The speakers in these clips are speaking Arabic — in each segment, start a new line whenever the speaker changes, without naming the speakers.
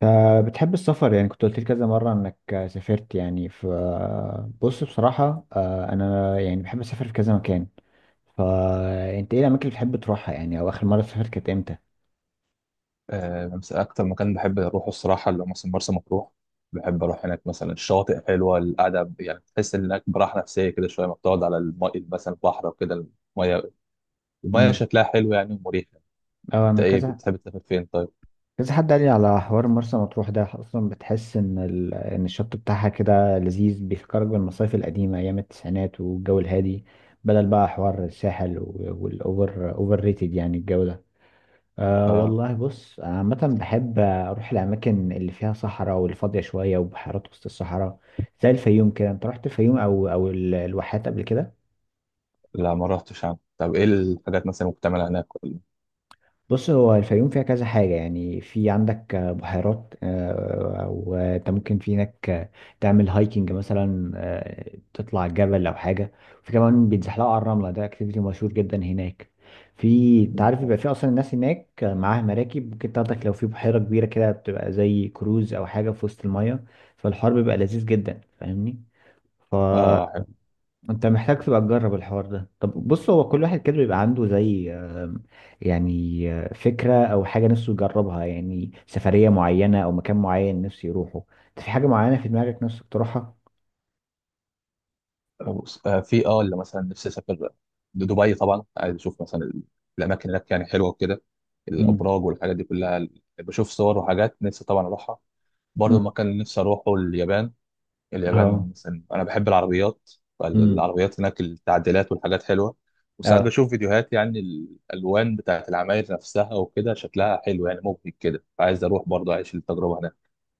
فبتحب السفر يعني كنت قلت لي كذا مرة انك سافرت يعني بص، بصراحة، انا يعني بحب اسافر في كذا مكان. فانت ايه الاماكن اللي بتحب تروحها يعني، او اخر مرة سافرت كانت امتى؟
بس أكتر مكان بحب أروحه الصراحة اللي هو مثلا مرسى مطروح. بحب أروح هناك، مثلا الشواطئ حلوة، القعدة يعني تحس إنك براحة نفسية كده شوية، ما بتقعد على الماء مثلا البحر وكده. المية المية
امم.
شكلها حلو يعني ومريحة.
اه،
أنت
انا
إيه
كذا
بتحب تسافر فين طيب؟
كذا حد قال لي على حوار مرسى مطروح ده، اصلا بتحس ان الشط بتاعها كده لذيذ، بيفكرك بالمصايف القديمة ايام التسعينات والجو الهادي. بدل بقى حوار الساحل والاوفر اوفر ريتد يعني، الجو ده. أه
آه
والله، بص، عامة بحب أروح الأماكن اللي فيها صحراء والفاضية شوية، وبحيرات وسط الصحراء. زي الفيوم كده. أنت رحت الفيوم أو الواحات قبل كده؟
لا، ما رحتش عنه. طب إيه الحاجات مثلا ممكن تعملها هناك ولا؟
بص، هو الفيوم فيها كذا حاجة يعني، في عندك بحيرات، وانت ممكن في هناك تعمل هايكنج مثلا، تطلع الجبل أو حاجة. في كمان بيتزحلقوا على الرملة، ده اكتيفيتي مشهور جدا هناك. في، انت عارف، بيبقى
آه،
في أصلا الناس هناك معاها مراكب ممكن تاخدك، لو في بحيرة كبيرة كده بتبقى زي كروز أو حاجة في وسط المية. فالحوار بيبقى لذيذ جدا، فاهمني؟ ف
آه، حلو.
انت محتاج تبقى تجرب الحوار ده. طب بص، هو كل واحد كده بيبقى عنده زي يعني فكرة او حاجة نفسه يجربها، يعني سفرية معينة او مكان معين نفسه يروحه. انت في حاجة معينة في دماغك نفسك تروحها؟
بص، في اللي مثلا نفسي أسافر دبي طبعا، عايز أشوف مثلا الأماكن هناك يعني حلوة وكده.
امم.
الأبراج والحاجات دي كلها. بشوف صور وحاجات، نفسي طبعا أروحها. برضه
امم.
المكان اللي نفسي أروحه اليابان.
اه.
اليابان مثلا، أنا بحب العربيات.
امم.
فالعربيات هناك، التعديلات والحاجات حلوة. وساعات بشوف فيديوهات، يعني الألوان بتاعت العماير نفسها وكده شكلها حلو يعني. ممكن كده عايز أروح برضه أعيش التجربة هناك.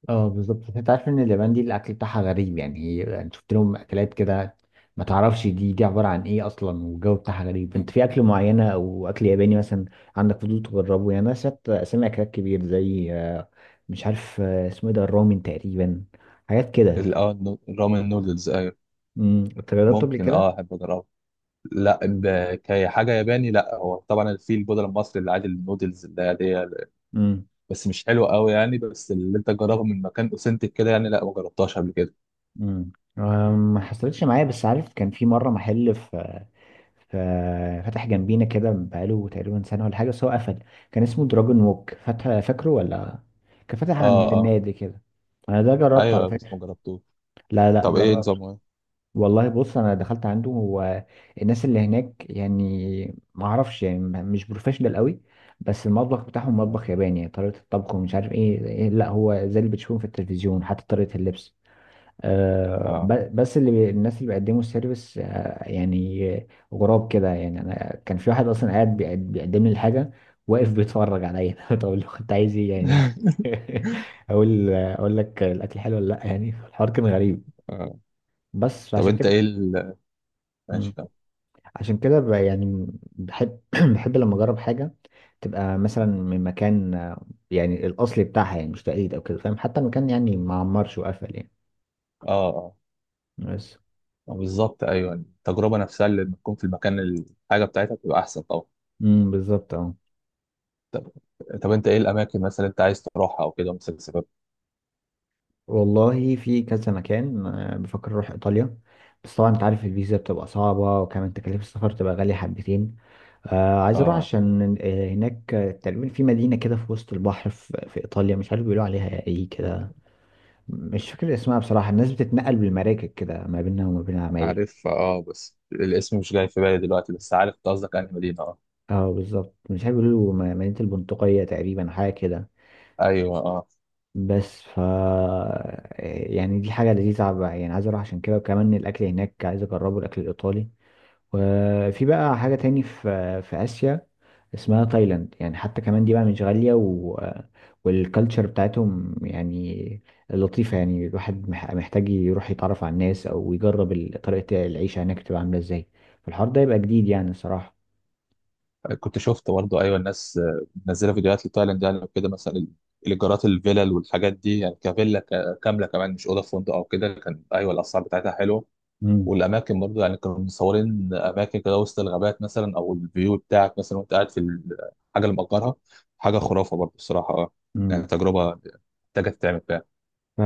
اه، بالظبط. انت عارف ان اليابان دي الاكل بتاعها غريب يعني، هي يعني شفت لهم اكلات كده، ما تعرفش دي عباره عن ايه اصلا، والجو بتاعها غريب. انت في اكل معينه او اكل ياباني مثلا عندك فضول تجربه يعني؟ انا شفت اسامي اكلات كبير زي مش عارف اسمه ايه ده، الرامن تقريبا، حاجات كده.
الرامن نودلز، أيوة.
امم. انت جربته قبل
ممكن
كده؟
أحب أجربها. لا، كحاجة ياباني لا. هو طبعا في البودرة المصري اللي عادي النودلز اللي هي دي.
امم.
بس مش حلوة قوي يعني. بس اللي انت تجربها من مكان اوثنتك كده يعني، لا ما جربتهاش قبل كده.
امم. ما حصلتش معايا، بس عارف كان في مره محل في، ففتح جنبينا كده بقاله تقريبا سنة ولا حاجة، بس هو قفل. كان اسمه دراجون ووك، فاتح فاكره ولا؟ كان فاتح
اه،
عند
اه.
النادي كده. انا ده جربته على
ايوه، بس
فكرة.
ما جربتوش.
لا لا،
طب ايه
جربته.
نظامه؟
والله بص، انا دخلت عنده. هو الناس اللي هناك يعني ما اعرفش يعني مش بروفيشنال قوي. بس المطبخ بتاعهم
ايه،
مطبخ ياباني يعني، طريقة الطبخ ومش عارف ايه إيه، لا هو زي اللي بتشوفهم في التلفزيون، حتى طريقة اللبس.
اه.
بس اللي الناس اللي بيقدموا السيرفيس يعني غراب كده يعني. انا كان في واحد اصلا قاعد بيقدم لي الحاجه، واقف بيتفرج عليا. طب لو كنت عايز ايه يعني؟ اقول لك الاكل حلو ولا لا، يعني الحوار كان غريب،
اه
بس
طب
عشان
انت
كده.
ايه
مم.
ماشي، طب.
عشان كده يعني بحب بحب لما اجرب حاجه تبقى مثلا من مكان يعني الاصلي بتاعها، يعني مش تقليد او كده، فاهم؟ حتى المكان يعني ما عمرش وقفل يعني،
اه، اه،
بس.
بالظبط. ايوه التجربه نفسها اللي تكون في المكان، الحاجه بتاعتها بتبقى احسن طبعا.
امم، بالظبط، اه.
طب طب انت ايه الاماكن مثلا انت عايز تروحها او كده، مثلا سبب؟
والله في كذا مكان بفكر اروح ايطاليا. بس طبعا انت عارف الفيزا بتبقى صعبة، وكمان تكاليف السفر تبقى غالية حبتين. عايز اروح
اه،
عشان هناك تقريبا في مدينة كده في وسط البحر في ايطاليا، مش عارف بيقولوا عليها ايه كده. مش فاكر اسمها بصراحة. الناس بتتنقل بالمراكب كده ما بينها وما بين العماير.
عارف. اه بس الاسم مش جاي في بالي دلوقتي. بس عارف انت قصدك انهي مدينه، اه.
اه بالظبط، مش عارف بيقولوا مدينة البندقية تقريبا، حاجة كده.
ايوه، اه.
بس يعني دي حاجة لذيذة بقى، يعني عايز اروح عشان كده. وكمان الأكل هناك عايز أجربه، الأكل الإيطالي. وفي بقى حاجة تاني في آسيا اسمها تايلاند، يعني حتى كمان دي بقى مش غالية والكالتشر بتاعتهم يعني لطيفة يعني، الواحد محتاج يروح يتعرف على الناس، أو يجرب طريقة العيشة هناك تبقى عاملة ازاي. فالحوار ده يبقى جديد يعني الصراحة.
كنت شفت برضه، ايوه، الناس منزله فيديوهات لتايلاند يعني وكده مثلا. الايجارات، الفيلل والحاجات دي يعني كفيلا كامله، كمان مش اوضه في فندق او كده. كان ايوه الاسعار بتاعتها حلوه. والاماكن برضه، يعني كانوا مصورين اماكن كده وسط الغابات مثلا، او الفيو بتاعك مثلا وانت قاعد في الحاجه اللي مأجرها. حاجه خرافه برضه الصراحه، اه. يعني
مم.
تجربه محتاجه تتعمل فعلا.
ف-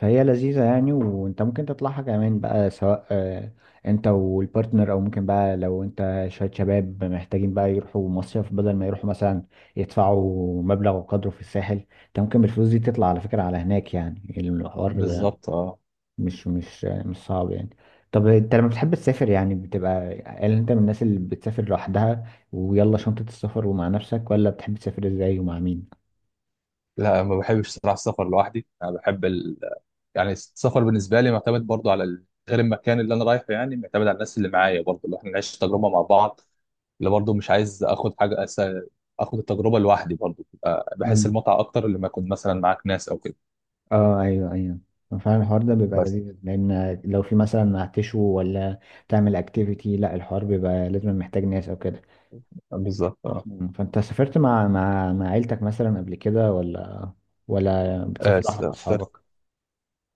فهي لذيذة يعني، وانت ممكن تطلعها كمان بقى، سواء انت والبارتنر، او ممكن بقى لو انت شوية شباب محتاجين بقى يروحوا مصيف بدل ما يروحوا مثلا يدفعوا مبلغ وقدره في الساحل. انت ممكن بالفلوس دي تطلع على فكرة على هناك، يعني الحوار
بالظبط، اه.
مش صعب يعني. طب انت لما بتحب تسافر يعني بتبقى، هل انت من الناس اللي بتسافر لوحدها ويلا شنطة السفر ومع نفسك، ولا بتحب تسافر ازاي ومع مين؟
لا، ما بحبش صراحه السفر لوحدي. انا بحب يعني السفر بالنسبه لي معتمد برضه على غير المكان اللي انا رايحه، يعني معتمد على الناس اللي معايا برضه، اللي احنا نعيش التجربه مع بعض. اللي برضه مش عايز اخد حاجه اخد التجربه لوحدي برضه. بحس المتعه اكتر لما اكون مثلا معاك ناس او كده.
اه، ايوه ايوه، فعلا الحوار ده بيبقى
بس
لذيذ، لان لو في مثلا هتشوي ولا تعمل اكتيفيتي، لا الحوار بيبقى لازم، محتاج ناس او كده.
بالظبط، اه.
مم. فانت سافرت مع عيلتك مثلا قبل كده، ولا بتسافر
آه،
لوحدك مع
سافرت.
اصحابك؟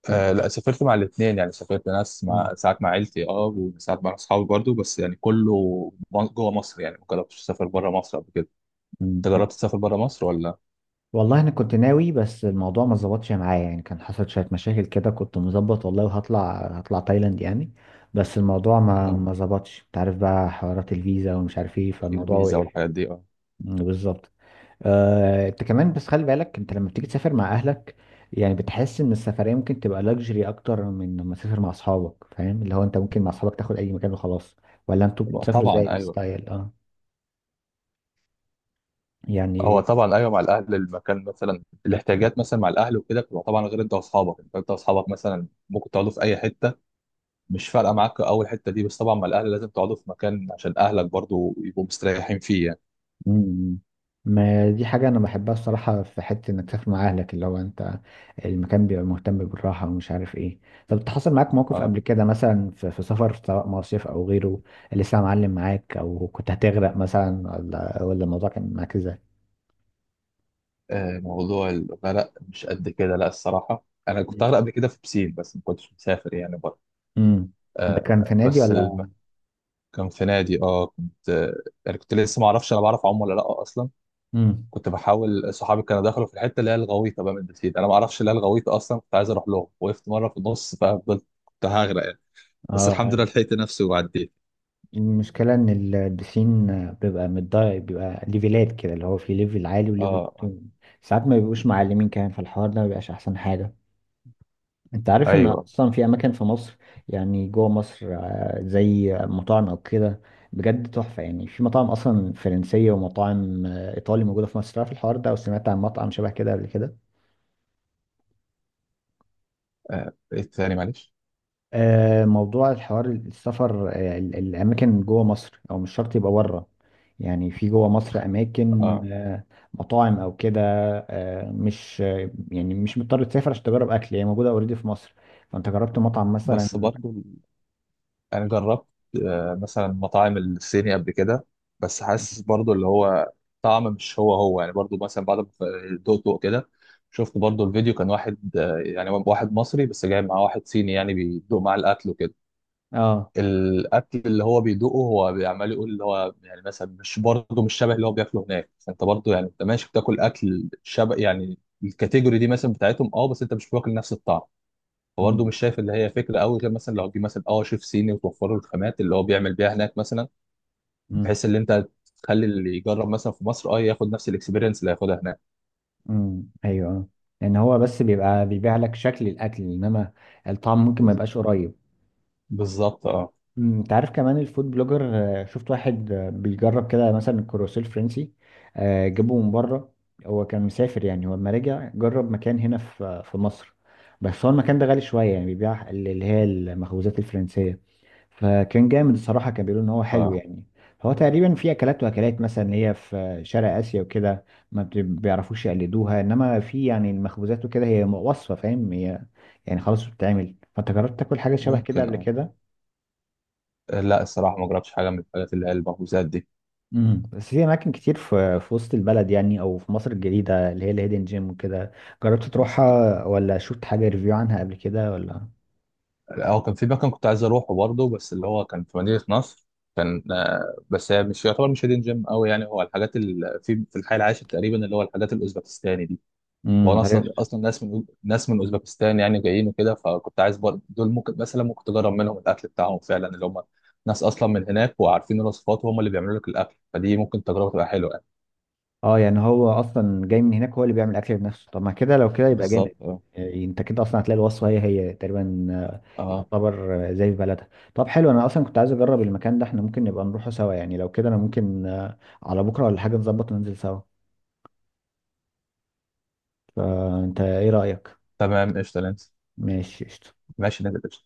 آه لا، سافرت مع الاثنين يعني. سافرت ناس
مم.
مع ساعات مع عيلتي، وساعات مع اصحابي برضو، بس يعني كله جوه مصر. يعني ما جربتش اسافر بره مصر قبل كده. انت
مم.
جربت تسافر بره مصر ولا؟
والله انا كنت ناوي، بس الموضوع ما ظبطش معايا يعني، كان حصل شويه مشاكل كده، كنت مظبط والله، وهطلع تايلاند يعني. بس الموضوع ما
آه.
ما ظبطش. انت عارف بقى حوارات الفيزا ومش عارف ايه،
إيه،
فالموضوع
الفيزا
وقف.
والحاجات دي، اه.
مم، بالظبط. انت كمان بس خلي بالك، انت لما بتيجي تسافر مع اهلك يعني بتحس ان السفريه ممكن تبقى لاكجري اكتر من لما تسافر مع اصحابك، فاهم؟ اللي هو انت ممكن مع اصحابك تاخد اي مكان وخلاص، ولا انتوا
يبقى
بتسافروا ازاي
طبعا، ايوه.
الستايل، اه؟
هو
يعني.
طبعا ايوه، مع الاهل المكان مثلا، الاحتياجات مثلا مع الاهل وكده بتبقى طبعا غير انت واصحابك. أنت واصحابك مثلا ممكن تقعدوا في اي حته، مش فارقه معاك اول حته دي. بس طبعا مع الاهل لازم تقعدوا في مكان عشان اهلك برضو يبقوا مستريحين فيه يعني.
مم. ما دي حاجه انا بحبها الصراحه، في حته انك تسافر مع اهلك، اللي هو انت المكان بيبقى مهتم بالراحه ومش عارف ايه. طب حصل معاك موقف قبل
آه.
كده، مثلا في سفر سواء مصيف او غيره، اللي لسه معلم معاك، او كنت هتغرق مثلا ولا الموضوع كان معاك ازاي؟
موضوع الأغنية، لا مش قد كده. لا الصراحة، أنا كنت أغرق قبل كده في بسين، بس ما كنتش مسافر يعني بره.
امم. ده كان في نادي
بس
ولا؟
كان في نادي. اه كنت يعني كنت لسه ما اعرفش انا بعرف اعوم ولا لا اصلا.
امم.
كنت بحاول، صحابي كانوا دخلوا في الحته اللي هي الغويطه، بقى من البسين انا ما اعرفش اللي هي الغويطه اصلا. كنت عايز اروح لهم، وقفت مره في النص ففضلت كنت هغرق يعني. بس الحمد
اه.
لله لحقت نفسي وعديت.
المشكله ان البسين بيبقى متضايق، بيبقى ليفلات كده اللي هو في ليفل عالي
اه،
وليفل واطي. ساعات ما بيبقوش معلمين كمان، في الحوار ده ما بيبقاش احسن حاجه. انت عارف ان
ايوه.
اصلا في اماكن في مصر، يعني جوه مصر زي مطاعم او كده، بجد تحفه. يعني في مطاعم اصلا فرنسيه ومطاعم ايطالي موجوده في مصر، عارف الحوار ده او سمعت عن مطعم شبه كده قبل كده؟
ايه الثاني معلش؟
موضوع الحوار السفر، الأماكن جوه مصر أو مش شرط يبقى بره. يعني في جوه مصر أماكن،
اه،
مطاعم أو كده، مش يعني مش مضطر تسافر عشان تجرب أكل، هي موجودة أوريدي في مصر. فأنت جربت مطعم
بس
مثلا؟
برضو انا جربت، مثلا مطاعم الصيني قبل كده. بس حاسس برضو اللي هو طعم مش هو هو يعني. برضو مثلا بعد ما دقت دقت كده، شفت برضو الفيديو كان واحد، يعني واحد مصري بس جاي معاه واحد صيني يعني بيدوق معاه الاكل وكده.
اه.
الاكل اللي هو بيدوقه هو بيعمل يقول اللي هو، يعني مثلا مش، برضو مش شبه اللي هو بياكله هناك. فانت برضو يعني انت ماشي بتاكل اكل شبه يعني الكاتيجوري دي مثلا بتاعتهم، بس انت مش واكل نفس الطعم. فبرضه
امم.
مش شايف اللي هي فكره قوي، غير مثلا لو تجيب مثلا شيف صيني وتوفر له الخامات اللي هو بيعمل بيها هناك مثلا،
امم.
بحيث ان انت تخلي اللي يجرب مثلا في مصر ياخد نفس الاكسبيرينس اللي هياخدها هناك.
امم. ايوه. آه. لأن هو بس بيبقى بيبيع لك شكل الأكل، إنما الطعم ممكن ما يبقاش قريب.
بالظبط، اه.
مم، انت عارف كمان الفود بلوجر، شفت واحد بيجرب كده مثلا الكروسيل الفرنسي، جابه من بره. هو كان مسافر يعني، هو لما رجع جرب مكان هنا في في مصر. بس هو المكان ده غالي شوية، يعني بيبيع اللي هي المخبوزات الفرنسية. فكان جامد الصراحة، كان بيقولوا ان هو حلو
اه،
يعني. هو تقريبا في اكلات، واكلات مثلا اللي هي في شرق اسيا وكده، ما بيعرفوش يقلدوها، انما في يعني المخبوزات وكده هي وصفة، فاهم؟ هي يعني خلاص بتتعمل. فانت جربت تاكل حاجة شبه كده
ممكن،
قبل
اه.
كده؟
لا الصراحه ما جربتش حاجه من الحاجات اللي هي المخبوزات دي.
امم. بس في اماكن كتير في وسط البلد يعني، او في مصر الجديده، اللي هي الهيدن جيم وكده، جربت
بس
تروحها ولا شفت حاجه ريفيو عنها قبل كده ولا؟
اه كان في مكان كنت عايز اروحه برضه، بس اللي هو كان في مدينه نصر. كان، بس هي مش يعتبر مش هيدين جيم قوي يعني. هو الحاجات اللي في الحي العاشر تقريبا، اللي هو الحاجات الاوزبكستاني دي. هو انا
امم.
اصلا
عرفت.
اصلا ناس من اوزبكستان، يعني جايين وكده. فكنت عايز برضه دول ممكن تجرب منهم الاكل بتاعهم فعلا، اللي هم ناس اصلا من هناك وعارفين الوصفات، وهم اللي بيعملوا لك الاكل. فدي ممكن تجربه تبقى حلوه يعني.
اه، يعني هو اصلا جاي من هناك، هو اللي بيعمل اكل بنفسه. طب ما كده، لو كده يبقى جامد.
بالظبط، اه.
يعني انت كده اصلا هتلاقي الوصفه هي هي تقريبا،
اه،
يعتبر زي في بلدها. طب حلو، انا اصلا كنت عايز اجرب المكان ده. احنا ممكن نبقى نروحه سوا يعني، لو كده انا ممكن على بكره ولا حاجه نظبط وننزل سوا، فانت ايه رايك؟
تمام قشطه نانسي.
ماشي قشطة.
ماشي نانسي.